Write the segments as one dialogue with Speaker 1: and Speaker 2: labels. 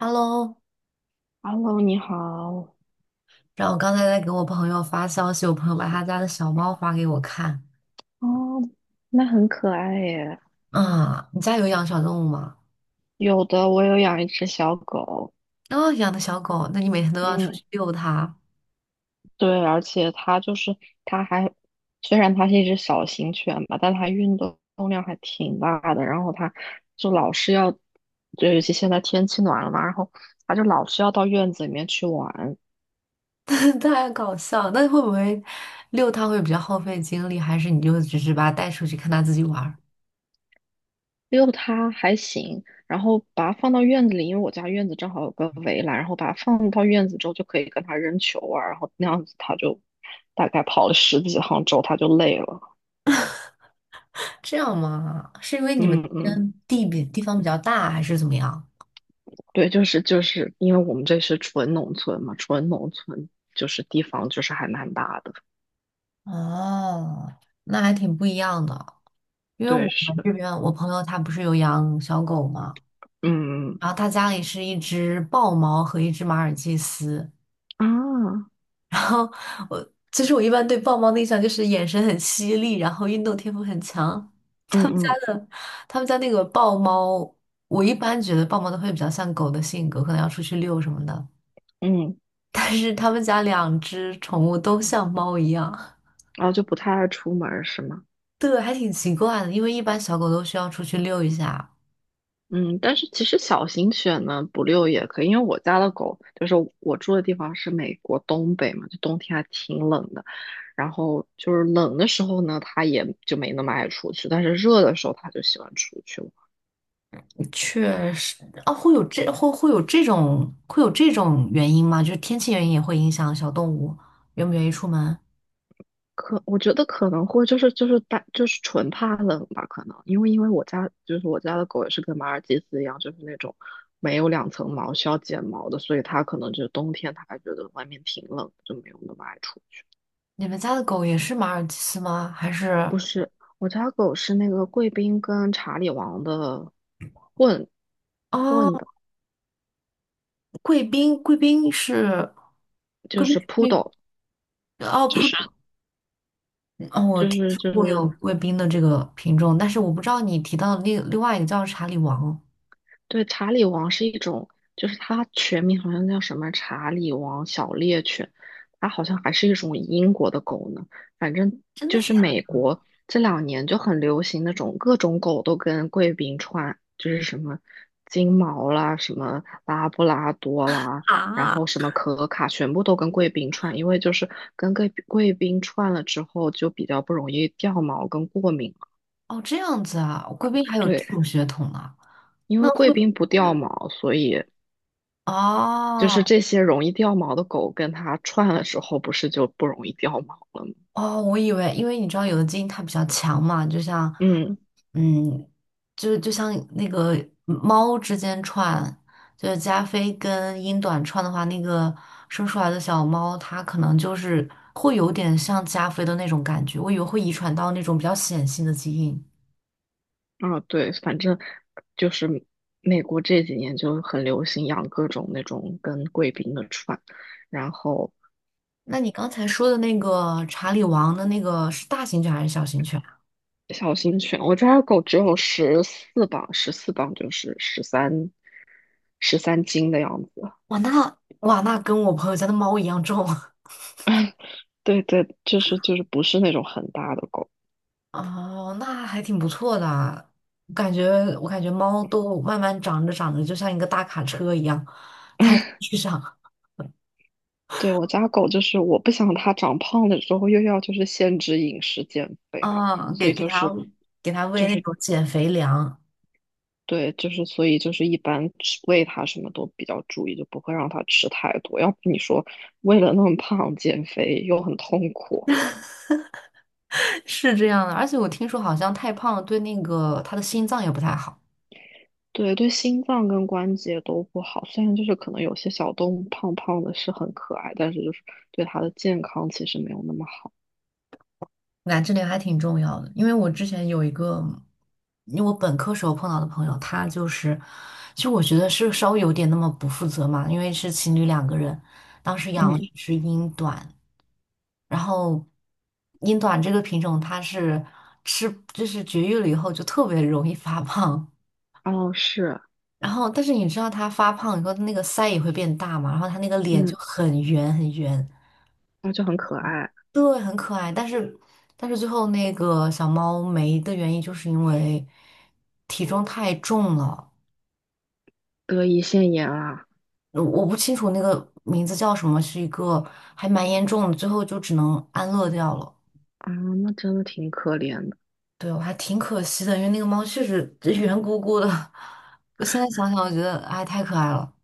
Speaker 1: Hello，
Speaker 2: Hello，你好。
Speaker 1: 然后我刚才在给我朋友发消息，我朋友把他家的小猫发给我看。
Speaker 2: 哦，那很可爱耶。
Speaker 1: 啊，你家有养小动物吗？
Speaker 2: 有的，我有养一只小狗。
Speaker 1: 哦，养的小狗，那你每天都要出
Speaker 2: 嗯，
Speaker 1: 去遛它，
Speaker 2: 对，而且它就是它还，虽然它是一只小型犬吧，但它运动量还挺大的。然后它就老是要，就尤其现在天气暖了嘛，然后它就老是要到院子里面去玩。
Speaker 1: 太搞笑。那会不会遛它会比较耗费精力，还是你就只是把它带出去看它自己玩儿
Speaker 2: 遛它还行，然后把它放到院子里，因为我家院子正好有个围栏，然后把它放到院子之后就可以跟它扔球啊，然后那样子它就大概跑了十几趟之后它就累了。
Speaker 1: 这样吗？是因为你们
Speaker 2: 嗯
Speaker 1: 那
Speaker 2: 嗯，
Speaker 1: 边地比地方比较大，还是怎么样？
Speaker 2: 对，就是因为我们这是纯农村就是地方就是还蛮大的。
Speaker 1: 哦，那还挺不一样的。因为我
Speaker 2: 对是，
Speaker 1: 们这边，我朋友他不是有养小狗吗？
Speaker 2: 嗯，
Speaker 1: 然后他家里是一只豹猫和一只马尔济斯。
Speaker 2: 啊，
Speaker 1: 然后我其实我一般对豹猫的印象就是眼神很犀利，然后运动天赋很强。
Speaker 2: 嗯
Speaker 1: 他们家
Speaker 2: 嗯
Speaker 1: 的他们家那个豹猫，我一般觉得豹猫都会比较像狗的性格，可能要出去遛什么的。
Speaker 2: 嗯，
Speaker 1: 但是他们家两只宠物都像猫一样，
Speaker 2: 然后就不太爱出门儿是吗？
Speaker 1: 对，还挺奇怪的，因为一般小狗都需要出去遛一下，
Speaker 2: 嗯，但是其实小型犬呢，不遛也可以，因为我住的地方是美国东北嘛，就冬天还挺冷的，然后就是冷的时候呢，它也就没那么爱出去，但是热的时候它就喜欢出去玩。
Speaker 1: 确实，啊，会有这种原因吗？就是天气原因也会影响小动物愿不愿意出门。
Speaker 2: 可我觉得可能会就是就是大就是纯怕冷吧，可能因为我家的狗也是跟马尔济斯一样，就是那种没有2层毛需要剪毛的，所以它可能就冬天它还觉得外面挺冷，就没有那么爱出去。
Speaker 1: 你们家的狗也是马尔济斯吗？还是
Speaker 2: 不是，我家狗是那个贵宾跟查理王的混
Speaker 1: 啊，
Speaker 2: 混的，
Speaker 1: 贵宾贵宾是
Speaker 2: 就
Speaker 1: 贵宾
Speaker 2: 是
Speaker 1: 是
Speaker 2: 扑
Speaker 1: 那
Speaker 2: o
Speaker 1: 哦
Speaker 2: 就
Speaker 1: 扑
Speaker 2: 是
Speaker 1: 哦，我
Speaker 2: 就
Speaker 1: 听
Speaker 2: 是
Speaker 1: 说
Speaker 2: 就
Speaker 1: 过
Speaker 2: 是
Speaker 1: 有贵宾的这个品种，但是我不知道你提到的另外一个叫查理王，
Speaker 2: 对，查理王是一种，就是它全名好像叫什么查理王小猎犬，它好像还是一种英国的狗呢。反正
Speaker 1: 真的
Speaker 2: 就是
Speaker 1: 假
Speaker 2: 美国这2年就很流行那种各种狗都跟贵宾串，就是什么金毛啦，什么拉布拉多
Speaker 1: 的
Speaker 2: 啦，然
Speaker 1: 啊？
Speaker 2: 后什么可卡，全部都跟贵宾串，因为就是跟贵宾串了之后就比较不容易掉毛跟过敏。
Speaker 1: 哦，这样子啊，贵宾还有这
Speaker 2: 对，
Speaker 1: 种血统呢、
Speaker 2: 因
Speaker 1: 那
Speaker 2: 为贵
Speaker 1: 会不
Speaker 2: 宾不
Speaker 1: 会？
Speaker 2: 掉毛，所以。就是
Speaker 1: 哦
Speaker 2: 这些容易掉毛的狗跟它串的时候，不是就不容易掉毛了吗？
Speaker 1: 哦，我以为，因为你知道有的基因它比较强嘛，就像，
Speaker 2: 嗯，
Speaker 1: 嗯，就像那个猫之间串，就是加菲跟英短串的话，那个生出来的小猫，它可能就是会有点像加菲的那种感觉，我以为会遗传到那种比较显性的基因。
Speaker 2: 啊，对，反正就是美国这几年就很流行养各种那种跟贵宾的串，然后
Speaker 1: 那你刚才说的那个查理王的那个是大型犬还是小型犬啊？
Speaker 2: 小型犬，我家的狗只有十四磅，十四磅就是十三斤的样子。
Speaker 1: 哇，那哇那跟我朋友家的猫一样重。
Speaker 2: 对对，就是不是那种很大的狗。
Speaker 1: 哦，那还挺不错的啊。我感觉，我感觉猫都慢慢长着长着，就像一个大卡车一样，摊在 地上。
Speaker 2: 对，我家狗就是我不想它长胖了之后又要就是限制饮食减肥嘛，
Speaker 1: 啊，
Speaker 2: 所
Speaker 1: 给
Speaker 2: 以
Speaker 1: 给
Speaker 2: 就
Speaker 1: 它
Speaker 2: 是
Speaker 1: 给它喂
Speaker 2: 就
Speaker 1: 那
Speaker 2: 是。
Speaker 1: 种减肥粮，
Speaker 2: 对，就是所以就是一般吃喂它什么都比较注意，就不会让它吃太多。要不你说为了那么胖减肥又很痛苦，
Speaker 1: 是这样的。而且我听说好像太胖了，对那个它的心脏也不太好。
Speaker 2: 对对，心脏跟关节都不好。虽然就是可能有些小动物胖胖的是很可爱，但是就是对它的健康其实没有那么好。
Speaker 1: 那这点还挺重要的，因为我之前有一个，因为我本科时候碰到的朋友，他就是，其实我觉得是稍微有点那么不负责嘛，因为是情侣两个人，当时养了一
Speaker 2: 嗯，
Speaker 1: 只英短。然后英短这个品种它是吃，就是绝育了以后就特别容易发胖。
Speaker 2: 哦是，
Speaker 1: 然后，但是你知道它发胖以后，它那个腮也会变大嘛，然后它那个脸就
Speaker 2: 嗯，
Speaker 1: 很圆很圆，
Speaker 2: 那就很可爱，
Speaker 1: 对，很可爱。但是，但是最后那个小猫没的原因，就是因为体重太重了。
Speaker 2: 得胰腺炎啊，
Speaker 1: 我不清楚那个名字叫什么，是一个还蛮严重的，最后就只能安乐掉了。
Speaker 2: 啊，那真的挺可怜的。
Speaker 1: 对，我还挺可惜的，因为那个猫确实圆鼓鼓的。我现在想想，我觉得哎，太可爱了。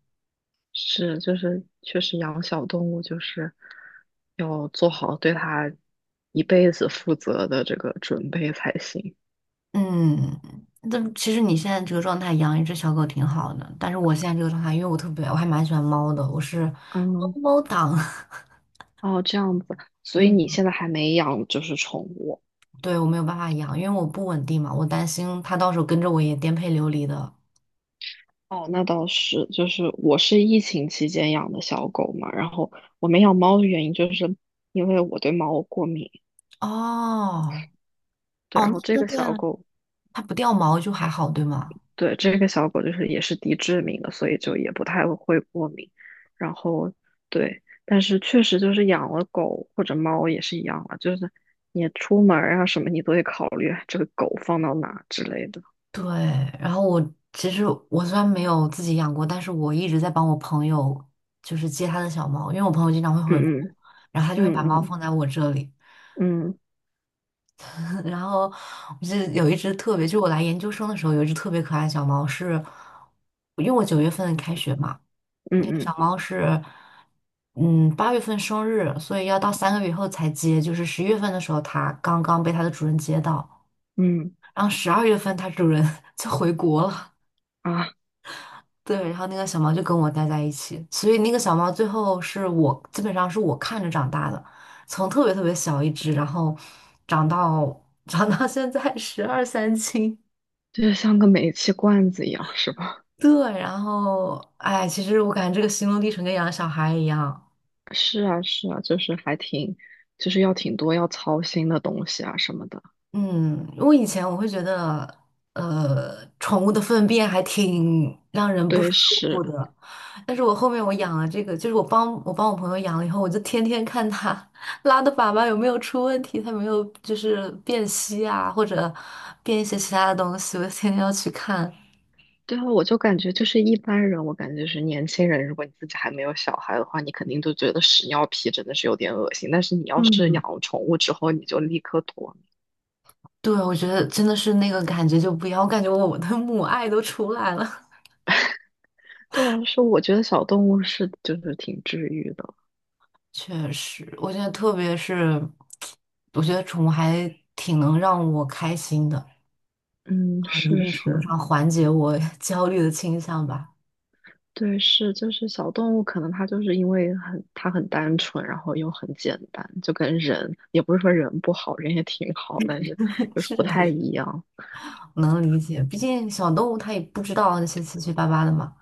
Speaker 2: 是，就是确实养小动物就是要做好对它一辈子负责的这个准备才行。
Speaker 1: 嗯，但其实你现在这个状态养一只小狗挺好的，但是我现在这个状态，因为我特别，我还蛮喜欢猫的，我是猫
Speaker 2: 嗯，
Speaker 1: 猫党。
Speaker 2: 哦，这样子，所以
Speaker 1: 嗯，
Speaker 2: 你现在还没养就是宠物。
Speaker 1: 对，我没有办法养，因为我不稳定嘛，我担心它到时候跟着我也颠沛流离的。
Speaker 2: 哦，那倒是，就是我是疫情期间养的小狗嘛，然后我没养猫的原因就是因为我对猫过敏，
Speaker 1: 哦，
Speaker 2: 对，
Speaker 1: 哦，
Speaker 2: 然
Speaker 1: 那
Speaker 2: 后这
Speaker 1: 那
Speaker 2: 个
Speaker 1: 对
Speaker 2: 小
Speaker 1: 啊，
Speaker 2: 狗
Speaker 1: 它不掉毛就还好，对吗？
Speaker 2: 对，这个小狗就是也是低致敏的，所以就也不太会过敏。然后对，但是确实就是养了狗或者猫也是一样啊，就是你出门儿啊什么，你都得考虑啊这个狗放到哪之类的。
Speaker 1: 对，然后我其实我虽然没有自己养过，但是我一直在帮我朋友，就是接他的小猫，因为我朋友经常会回国，
Speaker 2: 嗯
Speaker 1: 然后他就会
Speaker 2: 嗯
Speaker 1: 把猫
Speaker 2: 嗯
Speaker 1: 放在我这里。
Speaker 2: 嗯嗯
Speaker 1: 然后我记得有一只特别，就我来研究生的时候，有一只特别可爱的小猫是，因为我9月份开学嘛，那个
Speaker 2: 嗯
Speaker 1: 小猫是，嗯，8月份生日，所以要到3个月以后才接，就是11月份的时候，它刚刚被它的主人接到，
Speaker 2: 嗯嗯
Speaker 1: 然后12月份它主人 就回国了。
Speaker 2: 啊，
Speaker 1: 对，然后那个小猫就跟我待在一起，所以那个小猫最后是我基本上是我看着长大的，从特别特别小一只，然后长到长到现在十二三斤。
Speaker 2: 就是像个煤气罐子一样，是吧？
Speaker 1: 对，然后哎，其实我感觉这个心路历程跟养小孩一样。
Speaker 2: 是啊是啊，就是还挺，就是要挺多要操心的东西啊什么的。
Speaker 1: 嗯，我以前我会觉得，宠物的粪便还挺让人不
Speaker 2: 对，
Speaker 1: 舒服
Speaker 2: 是。
Speaker 1: 的，但是我后面我养了这个，就是我帮我朋友养了以后，我就天天看它拉的粑粑有没有出问题，它没有就是变稀啊，或者变一些其他的东西，我天天要去看。
Speaker 2: 对啊，我就感觉就是一般人，我感觉就是年轻人，如果你自己还没有小孩的话，你肯定都觉得屎尿屁真的是有点恶心。但是你要是
Speaker 1: 嗯，
Speaker 2: 养了宠物之后，你就立刻脱敏。
Speaker 1: 对，我觉得真的是那个感觉就不一样，我感觉我的母爱都出来了。
Speaker 2: 对啊，是我觉得小动物是就是挺治愈的。
Speaker 1: 确实，我觉得特别是，我觉得宠物还挺能让我开心的，
Speaker 2: 嗯，
Speaker 1: 一
Speaker 2: 是
Speaker 1: 定程度
Speaker 2: 是，
Speaker 1: 上缓解我 焦虑的倾向吧。
Speaker 2: 对是，就是小动物可能它就是因为它很单纯，然后又很简单，就跟人也不是说人不好，人也挺好，但是 就是
Speaker 1: 是
Speaker 2: 不
Speaker 1: 的，
Speaker 2: 太一样。
Speaker 1: 能理解，毕竟小动物它也不知道那些七七八八的嘛。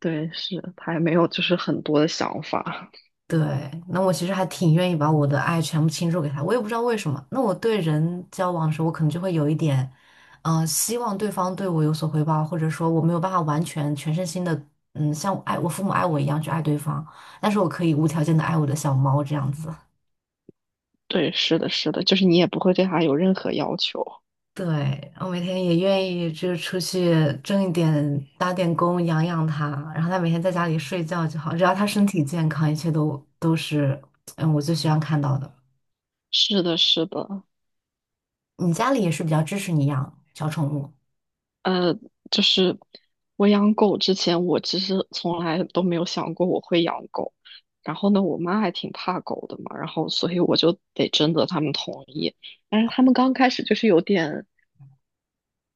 Speaker 2: 对，是，它也没有就是很多的想法。
Speaker 1: 对，那我其实还挺愿意把我的爱全部倾注给他，我也不知道为什么。那我对人交往的时候，我可能就会有一点，希望对方对我有所回报，或者说我没有办法完全全身心的，嗯，像我爱我父母爱我一样去爱对方，但是我可以无条件的爱我的小猫这样子。
Speaker 2: 对，是的，是的，就是你也不会对它有任何要求。
Speaker 1: 对，我每天也愿意就是出去挣一点，打点工养养它，然后它每天在家里睡觉就好，只要它身体健康，一切都是，嗯，我最希望看到的。
Speaker 2: 是的，是的，
Speaker 1: 你家里也是比较支持你养小宠物，
Speaker 2: 呃，就是我养狗之前，我其实从来都没有想过我会养狗。然后呢，我妈还挺怕狗的嘛，然后所以我就得征得他们同意。但是他们刚开始就是有点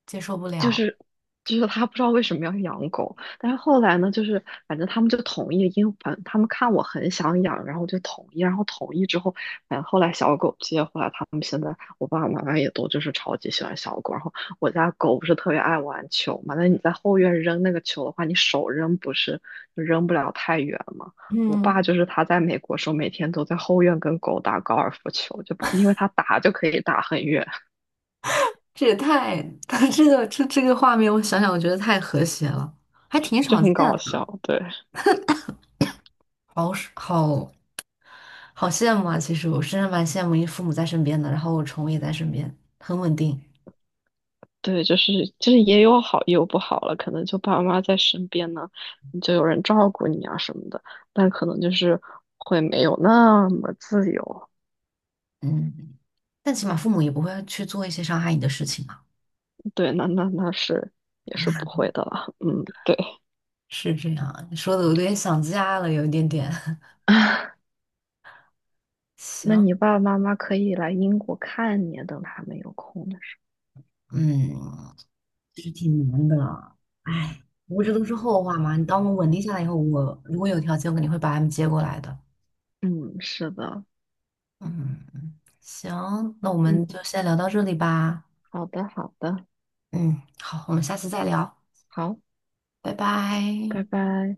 Speaker 1: 接受不
Speaker 2: 就
Speaker 1: 了。
Speaker 2: 是就是他不知道为什么要养狗，但是后来呢，就是反正他们就同意，因为反正他们看我很想养，然后就同意，然后同意之后，反正后来小狗接回来，他们现在我爸爸妈妈也都就是超级喜欢小狗，然后我家狗不是特别爱玩球嘛，那你在后院扔那个球的话，你手扔不是就扔不了太远嘛。我爸
Speaker 1: 嗯，
Speaker 2: 就是他在美国时候，每天都在后院跟狗打高尔夫球，就因为他打就可以打很远，
Speaker 1: 这也太，这个画面，我想想，我觉得太和谐了，还挺
Speaker 2: 就
Speaker 1: 少
Speaker 2: 很
Speaker 1: 见
Speaker 2: 搞
Speaker 1: 的，
Speaker 2: 笑，对。
Speaker 1: 好是好好羡慕啊！其实我真的蛮羡慕，因为父母在身边的，然后我宠物也在身边，很稳定。
Speaker 2: 对，就是也有好也有不好了，可能就爸妈在身边呢，你就有人照顾你啊什么的，但可能就是会没有那么自由。
Speaker 1: 嗯，但起码父母也不会去做一些伤害你的事情嘛。
Speaker 2: 对，那是也是不会的了。嗯，对。
Speaker 1: 是这样，你说的我有点想家了，有一点点。
Speaker 2: 那
Speaker 1: 行，
Speaker 2: 你爸爸妈妈可以来英国看你，等他们有空的时
Speaker 1: 嗯，是挺难的，哎，不过这都是后话嘛。你当我稳定下来以后，我如果有条件，我肯定会把他们接过来的。
Speaker 2: 候。嗯，是的。
Speaker 1: 嗯，行，那我
Speaker 2: 嗯，
Speaker 1: 们就先聊到这里吧。
Speaker 2: 好的，好的，
Speaker 1: 嗯，好，我们下次再聊，
Speaker 2: 好，
Speaker 1: 拜
Speaker 2: 拜
Speaker 1: 拜。
Speaker 2: 拜。